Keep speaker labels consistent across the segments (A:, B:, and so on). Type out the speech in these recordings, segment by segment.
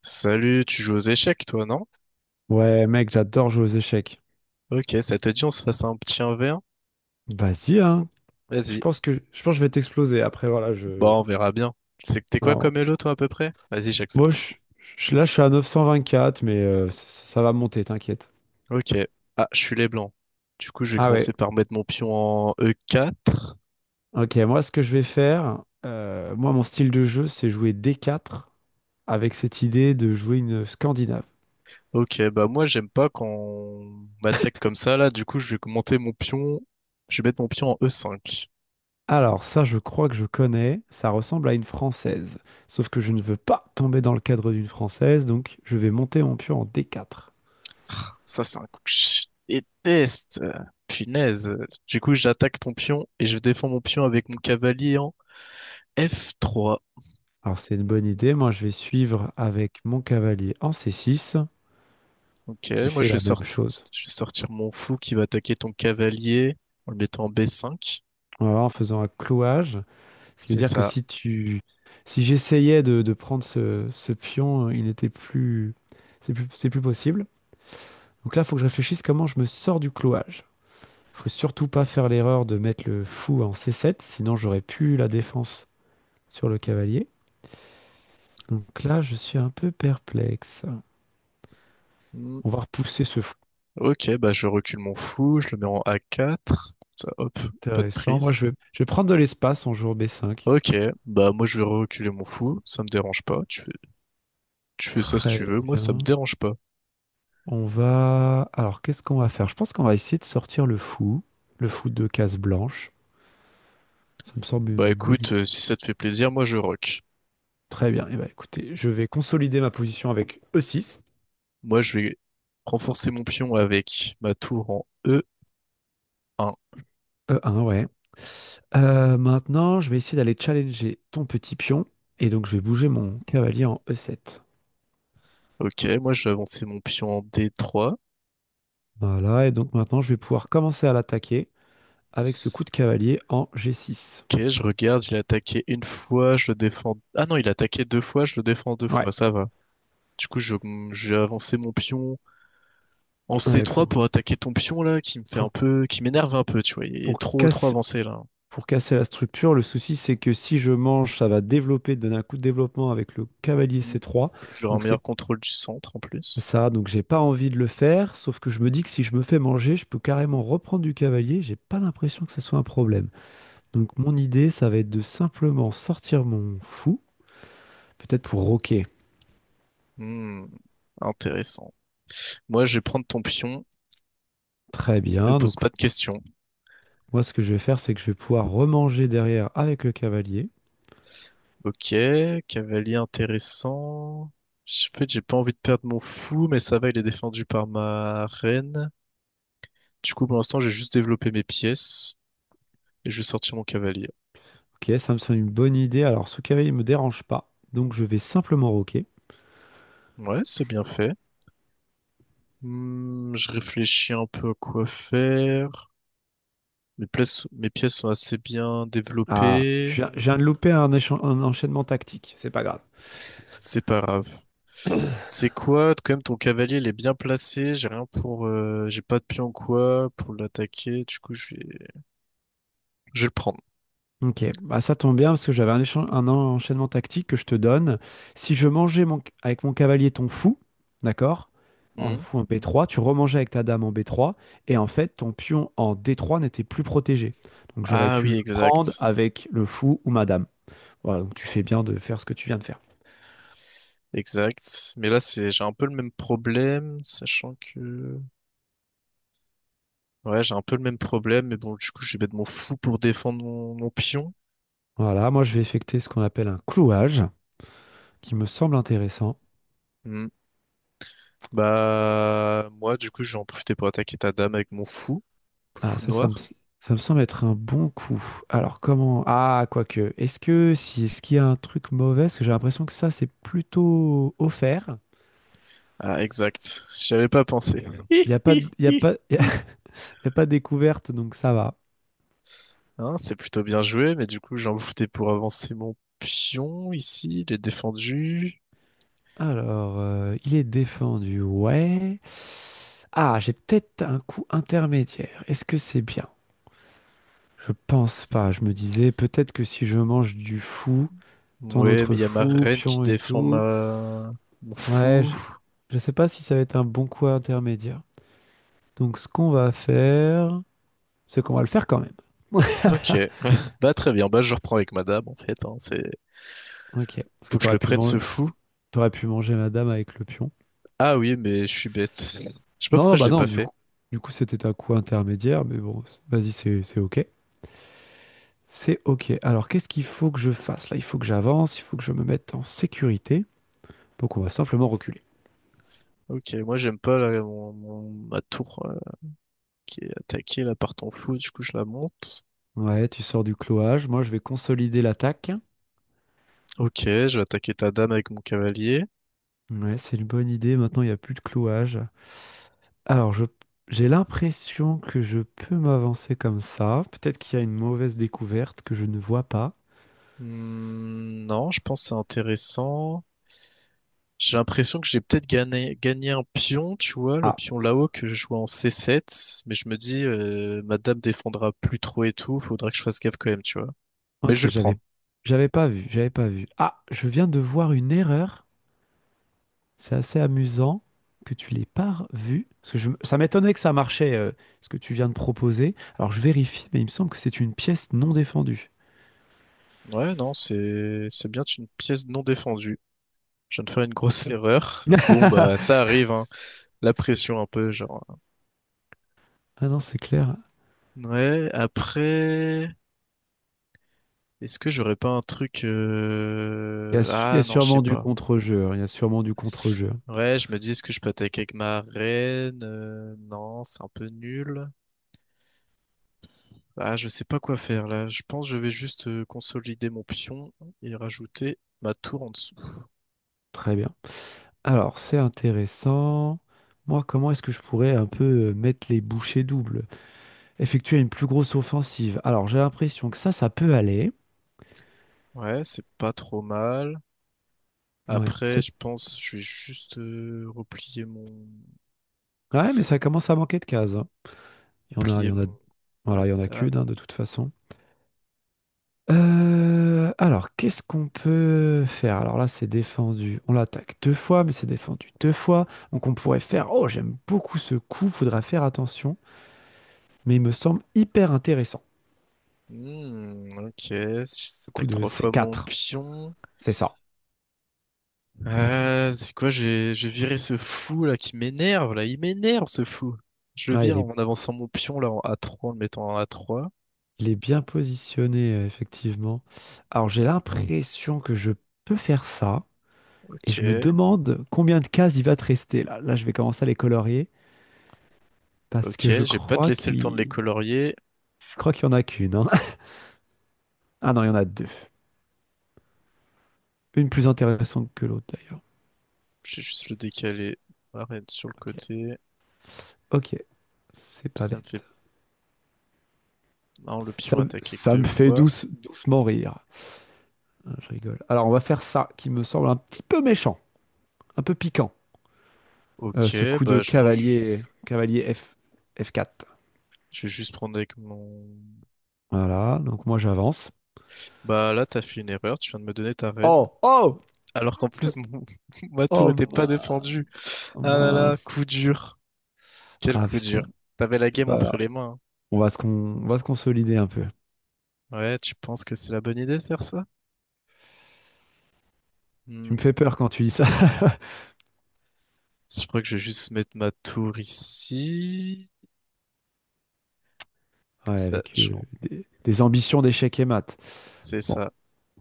A: Salut, tu joues aux échecs, toi, non?
B: Ouais, mec, j'adore jouer aux échecs.
A: Ok, ça te dit on se fasse un petit 1v1?
B: Vas-y, hein. Je
A: Vas-y.
B: pense que je pense que je vais t'exploser. Après, voilà, je.
A: Bon, on verra bien. C'est que t'es quoi comme
B: Alors,
A: Elo, toi, à peu près? Vas-y, j'accepte
B: moi,
A: ton.
B: là, je suis à 924, mais ça va monter, t'inquiète.
A: Ok. Ah, je suis les blancs. Du coup, je vais
B: Ah ouais.
A: commencer par mettre mon pion en E4.
B: Ok, moi, ce que je vais faire, mon style de jeu, c'est jouer D4 avec cette idée de jouer une Scandinave.
A: Ok, bah moi, j'aime pas quand on m'attaque comme ça, là. Du coup, je vais monter mon pion. Je vais mettre mon pion en E5.
B: Alors, ça, je crois que je connais. Ça ressemble à une Française. Sauf que je ne veux pas tomber dans le cadre d'une Française, donc je vais monter mon pion en D4.
A: Ça, c'est un coup que je déteste. Punaise. Du coup, j'attaque ton pion et je défends mon pion avec mon cavalier en F3.
B: Alors c'est une bonne idée. Moi, je vais suivre avec mon cavalier en C6
A: Ok,
B: qui
A: moi
B: fait la même chose.
A: je vais sortir mon fou qui va attaquer ton cavalier en le mettant en B5.
B: Voilà, en faisant un clouage, ce qui veut
A: C'est
B: dire que
A: ça.
B: si j'essayais de prendre ce pion, c'est plus possible. Donc là, il faut que je réfléchisse comment je me sors du clouage. Faut surtout pas faire l'erreur de mettre le fou en C7, sinon j'aurais plus la défense sur le cavalier. Donc là, je suis un peu perplexe.
A: Hmm.
B: On va repousser ce fou.
A: Ok, bah je recule mon fou, je le mets en A4. Comme ça, hop, pas de
B: Intéressant. Moi,
A: prise.
B: je vais prendre de l'espace en jouant B5.
A: Ok, bah moi je vais reculer mon fou, ça me dérange pas. Tu fais ça si tu
B: Très
A: veux, moi ça me
B: bien.
A: dérange pas.
B: On va. Alors, qu'est-ce qu'on va faire? Je pense qu'on va essayer de sortir le fou de case blanche. Ça me semble
A: Bah
B: une bonne idée.
A: écoute, si ça te fait plaisir, moi je rock.
B: Très bien. Eh ben, écoutez, je vais consolider ma position avec E6.
A: Moi je vais renforcer mon pion avec ma tour en E1.
B: E1, ouais. Maintenant, je vais essayer d'aller challenger ton petit pion. Et donc, je vais bouger mon cavalier en E7.
A: Ok, moi je vais avancer mon pion en D3.
B: Voilà. Et donc, maintenant, je vais pouvoir commencer à l'attaquer avec ce coup de cavalier en G6.
A: Ok, je regarde, il a attaqué une fois, je le défends. Ah non, il a attaqué deux fois, je le défends deux
B: Ouais.
A: fois, ça va. Du coup, j'ai avancé mon pion en
B: Ouais,
A: C3 pour attaquer ton pion là,
B: pour,
A: qui m'énerve un peu, tu vois. Il est
B: pour
A: trop
B: casser.
A: avancé là.
B: Pour casser la structure, le souci c'est que si je mange, ça va développer, donner un coup de développement avec le cavalier
A: Hmm.
B: C3.
A: J'aurai un
B: Donc
A: meilleur
B: c'est
A: contrôle du centre en plus.
B: ça, donc j'ai pas envie de le faire, sauf que je me dis que si je me fais manger, je peux carrément reprendre du cavalier, j'ai pas l'impression que ce soit un problème. Donc mon idée, ça va être de simplement sortir mon fou, peut-être pour roquer.
A: Hmm. Intéressant. Moi, je vais prendre ton pion,
B: Très
A: je
B: bien,
A: pose
B: donc
A: pas de questions.
B: moi ce que je vais faire, c'est que je vais pouvoir remanger derrière avec le cavalier.
A: Ok, cavalier intéressant. En fait, j'ai pas envie de perdre mon fou, mais ça va, il est défendu par ma reine. Du coup, pour l'instant, j'ai juste développé mes pièces et je vais sortir mon cavalier.
B: Ok, ça me semble une bonne idée. Alors ce cavalier ne me dérange pas, donc je vais simplement roquer.
A: Ouais, c'est bien fait. Hmm, je réfléchis un peu à quoi faire. Mes pièces sont assez bien
B: Ah, je
A: développées.
B: viens, je viens de louper un enchaînement tactique. C'est pas grave.
A: C'est pas grave. C'est quoi? Quand même, ton cavalier, il est bien placé. J'ai rien pour, j'ai pas de pion ou quoi pour l'attaquer. Du coup, je vais le prendre.
B: Ok, bah ça tombe bien parce que j'avais un enchaînement tactique que je te donne. Si je mangeais avec mon cavalier ton fou, d'accord, en
A: Hmm.
B: fou en B3, tu remangeais avec ta dame en B3 et en fait ton pion en D3 n'était plus protégé. Donc j'aurais
A: Ah
B: pu
A: oui,
B: le prendre
A: exact.
B: avec le fou ou ma dame. Voilà, donc tu fais bien de faire ce que tu viens de faire.
A: Exact. Mais là, c'est, j'ai un peu le même problème, sachant que ouais, j'ai un peu le même problème, mais bon, du coup, je vais être mon fou pour défendre mon pion.
B: Voilà, moi je vais effectuer ce qu'on appelle un clouage, qui me semble intéressant.
A: Hmm. Bah, moi, du coup, je vais en profiter pour attaquer ta dame avec mon fou,
B: Ah,
A: fou
B: ça, ça me,
A: noir.
B: s- ça me semble être un bon coup. Alors, comment? Ah, quoique. Est-ce que si, Est-ce qu'il y a un truc mauvais? Parce que j'ai l'impression que ça, c'est plutôt offert.
A: Ah, exact. J'y avais pas pensé. Hi,
B: Il y a
A: hi.
B: pas, Il y a pas de découverte, donc ça va.
A: Hein, c'est plutôt bien joué, mais du coup, j'ai en profiter pour avancer mon pion ici. Il est défendu.
B: Alors, il est défendu, ouais. Ah, j'ai peut-être un coup intermédiaire. Est-ce que c'est bien? Je pense pas. Je me disais, peut-être que si je mange du fou, ton
A: Ouais,
B: autre
A: mais il y a ma
B: fou,
A: reine qui
B: pion et
A: défend
B: tout,
A: ma... mon
B: ouais,
A: fou.
B: je sais pas si ça va être un bon coup intermédiaire. Donc, ce qu'on va faire, c'est qu'on va le faire quand même.
A: Ok. Bah, très bien. Bah, je reprends avec ma dame, en fait. Hein. C'est...
B: Ok. Parce que
A: Faut que je
B: t'aurais
A: le
B: pu
A: prenne, ce
B: manger,
A: fou.
B: t'aurais pu manger madame avec le pion.
A: Ah oui, mais je suis bête. Je sais pas
B: Non, non,
A: pourquoi je
B: bah
A: l'ai pas
B: non, du
A: fait.
B: coup, du coup, c'était un coup intermédiaire, mais bon, vas-y, c'est ok. C'est ok. Alors, qu'est-ce qu'il faut que je fasse? Là, il faut que j'avance, il faut que je me mette en sécurité. Donc, on va simplement reculer.
A: Ok, moi j'aime pas là, ma tour qui est attaquée là par ton fou, du coup je la monte.
B: Ouais, tu sors du clouage. Moi, je vais consolider l'attaque.
A: Ok, je vais attaquer ta dame avec mon cavalier.
B: Ouais, c'est une bonne idée. Maintenant, il n'y a plus de clouage. Alors, j'ai l'impression que je peux m'avancer comme ça. Peut-être qu'il y a une mauvaise découverte que je ne vois pas.
A: Hmm, non, je pense que c'est intéressant. J'ai l'impression que j'ai peut-être gagné un pion, tu vois, le
B: Ah,
A: pion là-haut que je jouais en C7, mais je me dis, ma dame défendra plus trop et tout, faudra que je fasse gaffe quand même, tu vois. Mais je
B: ok,
A: vais le prendre.
B: j'avais pas vu, j'avais pas vu. Ah, je viens de voir une erreur. C'est assez amusant que tu l'aies pas vue. Parce que ça m'étonnait que ça marchait, ce que tu viens de proposer. Alors, je vérifie, mais il me semble que c'est une pièce non défendue.
A: Ouais, non, c'est bien une pièce non défendue. Je viens de faire une grosse erreur. Bon, bah, ça arrive, hein. La pression un peu, genre. Hein.
B: Ah non, c'est clair.
A: Ouais, après, est-ce que j'aurais pas un truc...
B: Il y a
A: ah non, je sais
B: sûrement du
A: pas.
B: contre-jeu. Hein, il y a sûrement du contre-jeu.
A: Ouais, je me dis, est-ce que je peux attaquer avec ma reine? Non, c'est un peu nul. Ah, je sais pas quoi faire là. Je pense que je vais juste consolider mon pion et rajouter ma tour en dessous.
B: Très bien. Alors, c'est intéressant. Moi, comment est-ce que je pourrais un peu mettre les bouchées doubles? Effectuer une plus grosse offensive. Alors, j'ai l'impression que ça peut aller.
A: Ouais, c'est pas trop mal.
B: Ouais,
A: Après, je pense que je vais juste replier mon
B: ouais, mais ça commence à manquer de cases. Hein. Il y en a, il
A: replier
B: y en a...
A: mon ma
B: Voilà, il y en a
A: table.
B: qu'une, hein, de toute façon. Alors, qu'est-ce qu'on peut faire? Alors là, c'est défendu. On l'attaque deux fois, mais c'est défendu deux fois. Donc, on pourrait faire. Oh, j'aime beaucoup ce coup. Faudra faire attention. Mais il me semble hyper intéressant.
A: Hmm, ok,
B: Le coup
A: j'attaque
B: de
A: trois fois mon
B: C4.
A: pion.
B: C'est ça.
A: Ah, c'est quoi? J'ai viré ce fou là qui m'énerve là. Il m'énerve ce fou. Je le
B: Ah,
A: vire
B: il
A: en avançant mon pion là en A3, en le mettant en A3.
B: Il est bien positionné, effectivement. Alors, j'ai l'impression que je peux faire ça. Et je me
A: Ok.
B: demande combien de cases il va te rester. Là, là, je vais commencer à les colorier. Parce
A: Ok,
B: que je
A: je vais pas te
B: crois
A: laisser le temps de les
B: qu'il.
A: colorier.
B: Je crois qu'il y en a qu'une, hein. Ah non, il y en a deux. Une plus intéressante que l'autre, d'ailleurs.
A: J'ai juste le décalé. Arrête sur le
B: Ok.
A: côté.
B: Ok. C'est pas
A: Ça me fait
B: bête.
A: non, le pion attaqué que
B: Ça
A: deux
B: me fait
A: fois.
B: doucement rire. Ah, je rigole. Alors, on va faire ça, qui me semble un petit peu méchant. Un peu piquant.
A: Ok,
B: Ce coup
A: bah
B: de
A: je pense que
B: cavalier, cavalier F, F4.
A: je vais juste prendre avec mon...
B: Voilà, donc moi j'avance.
A: Bah là, t'as fait une erreur, tu viens de me donner ta reine.
B: Oh, oh,
A: Alors qu'en plus, mon... ma tour
B: oh,
A: était pas défendue.
B: mince. Oh,
A: Ah là là,
B: mince.
A: coup dur. Quel
B: Ah
A: coup
B: putain,
A: dur. T'avais la
B: c'est
A: game
B: pas
A: entre
B: grave.
A: les mains.
B: On va se con- on va se consolider un peu.
A: Hein. Ouais, tu penses que c'est la bonne idée de faire ça?
B: Tu
A: Hmm.
B: me fais peur quand tu dis ça.
A: Je crois que je vais juste mettre ma tour ici. Comme
B: Ouais,
A: ça,
B: avec
A: je...
B: des ambitions d'échecs et maths.
A: C'est
B: Bon,
A: ça.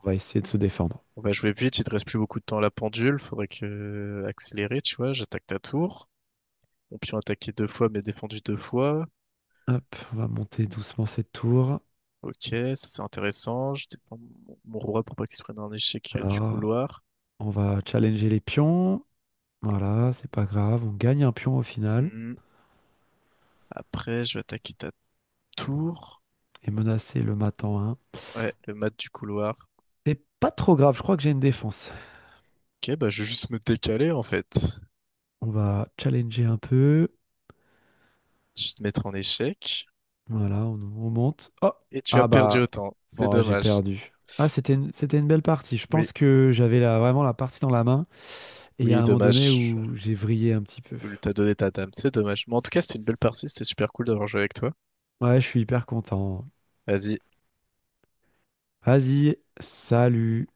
B: on va essayer de se défendre.
A: On va jouer vite, il te reste plus beaucoup de temps à la pendule, faudrait que accélérer, tu vois, j'attaque ta tour. Mon pion attaqué deux fois, mais défendu deux fois.
B: Hop, on va monter doucement cette tour.
A: Ok, ça c'est intéressant. Je défends mon roi pour pas qu'il se prenne un échec du
B: Voilà,
A: couloir.
B: on va challenger les pions. Voilà, c'est pas grave, on gagne un pion au final
A: Hmm. Après, je vais attaquer ta tour.
B: et menacer le mat en 1.
A: Ouais, le mat du couloir.
B: C'est pas trop grave, je crois que j'ai une défense.
A: Ok, bah je vais juste me décaler en fait.
B: On va challenger un peu.
A: Je vais te mettre en échec.
B: Voilà, on monte. Oh!
A: Et tu as
B: Ah
A: perdu
B: bah,
A: autant. C'est
B: bon, j'ai
A: dommage.
B: perdu. Ah, c'était une belle partie. Je
A: Oui,
B: pense que j'avais vraiment la partie dans la main. Et il y a
A: oui,
B: un moment donné
A: dommage. Je
B: où j'ai vrillé un petit peu.
A: voulais t'a donné ta dame. C'est dommage. Mais en tout cas, c'était une belle partie. C'était super cool d'avoir joué avec toi.
B: Ouais, je suis hyper content.
A: Vas-y,
B: Vas-y, salut.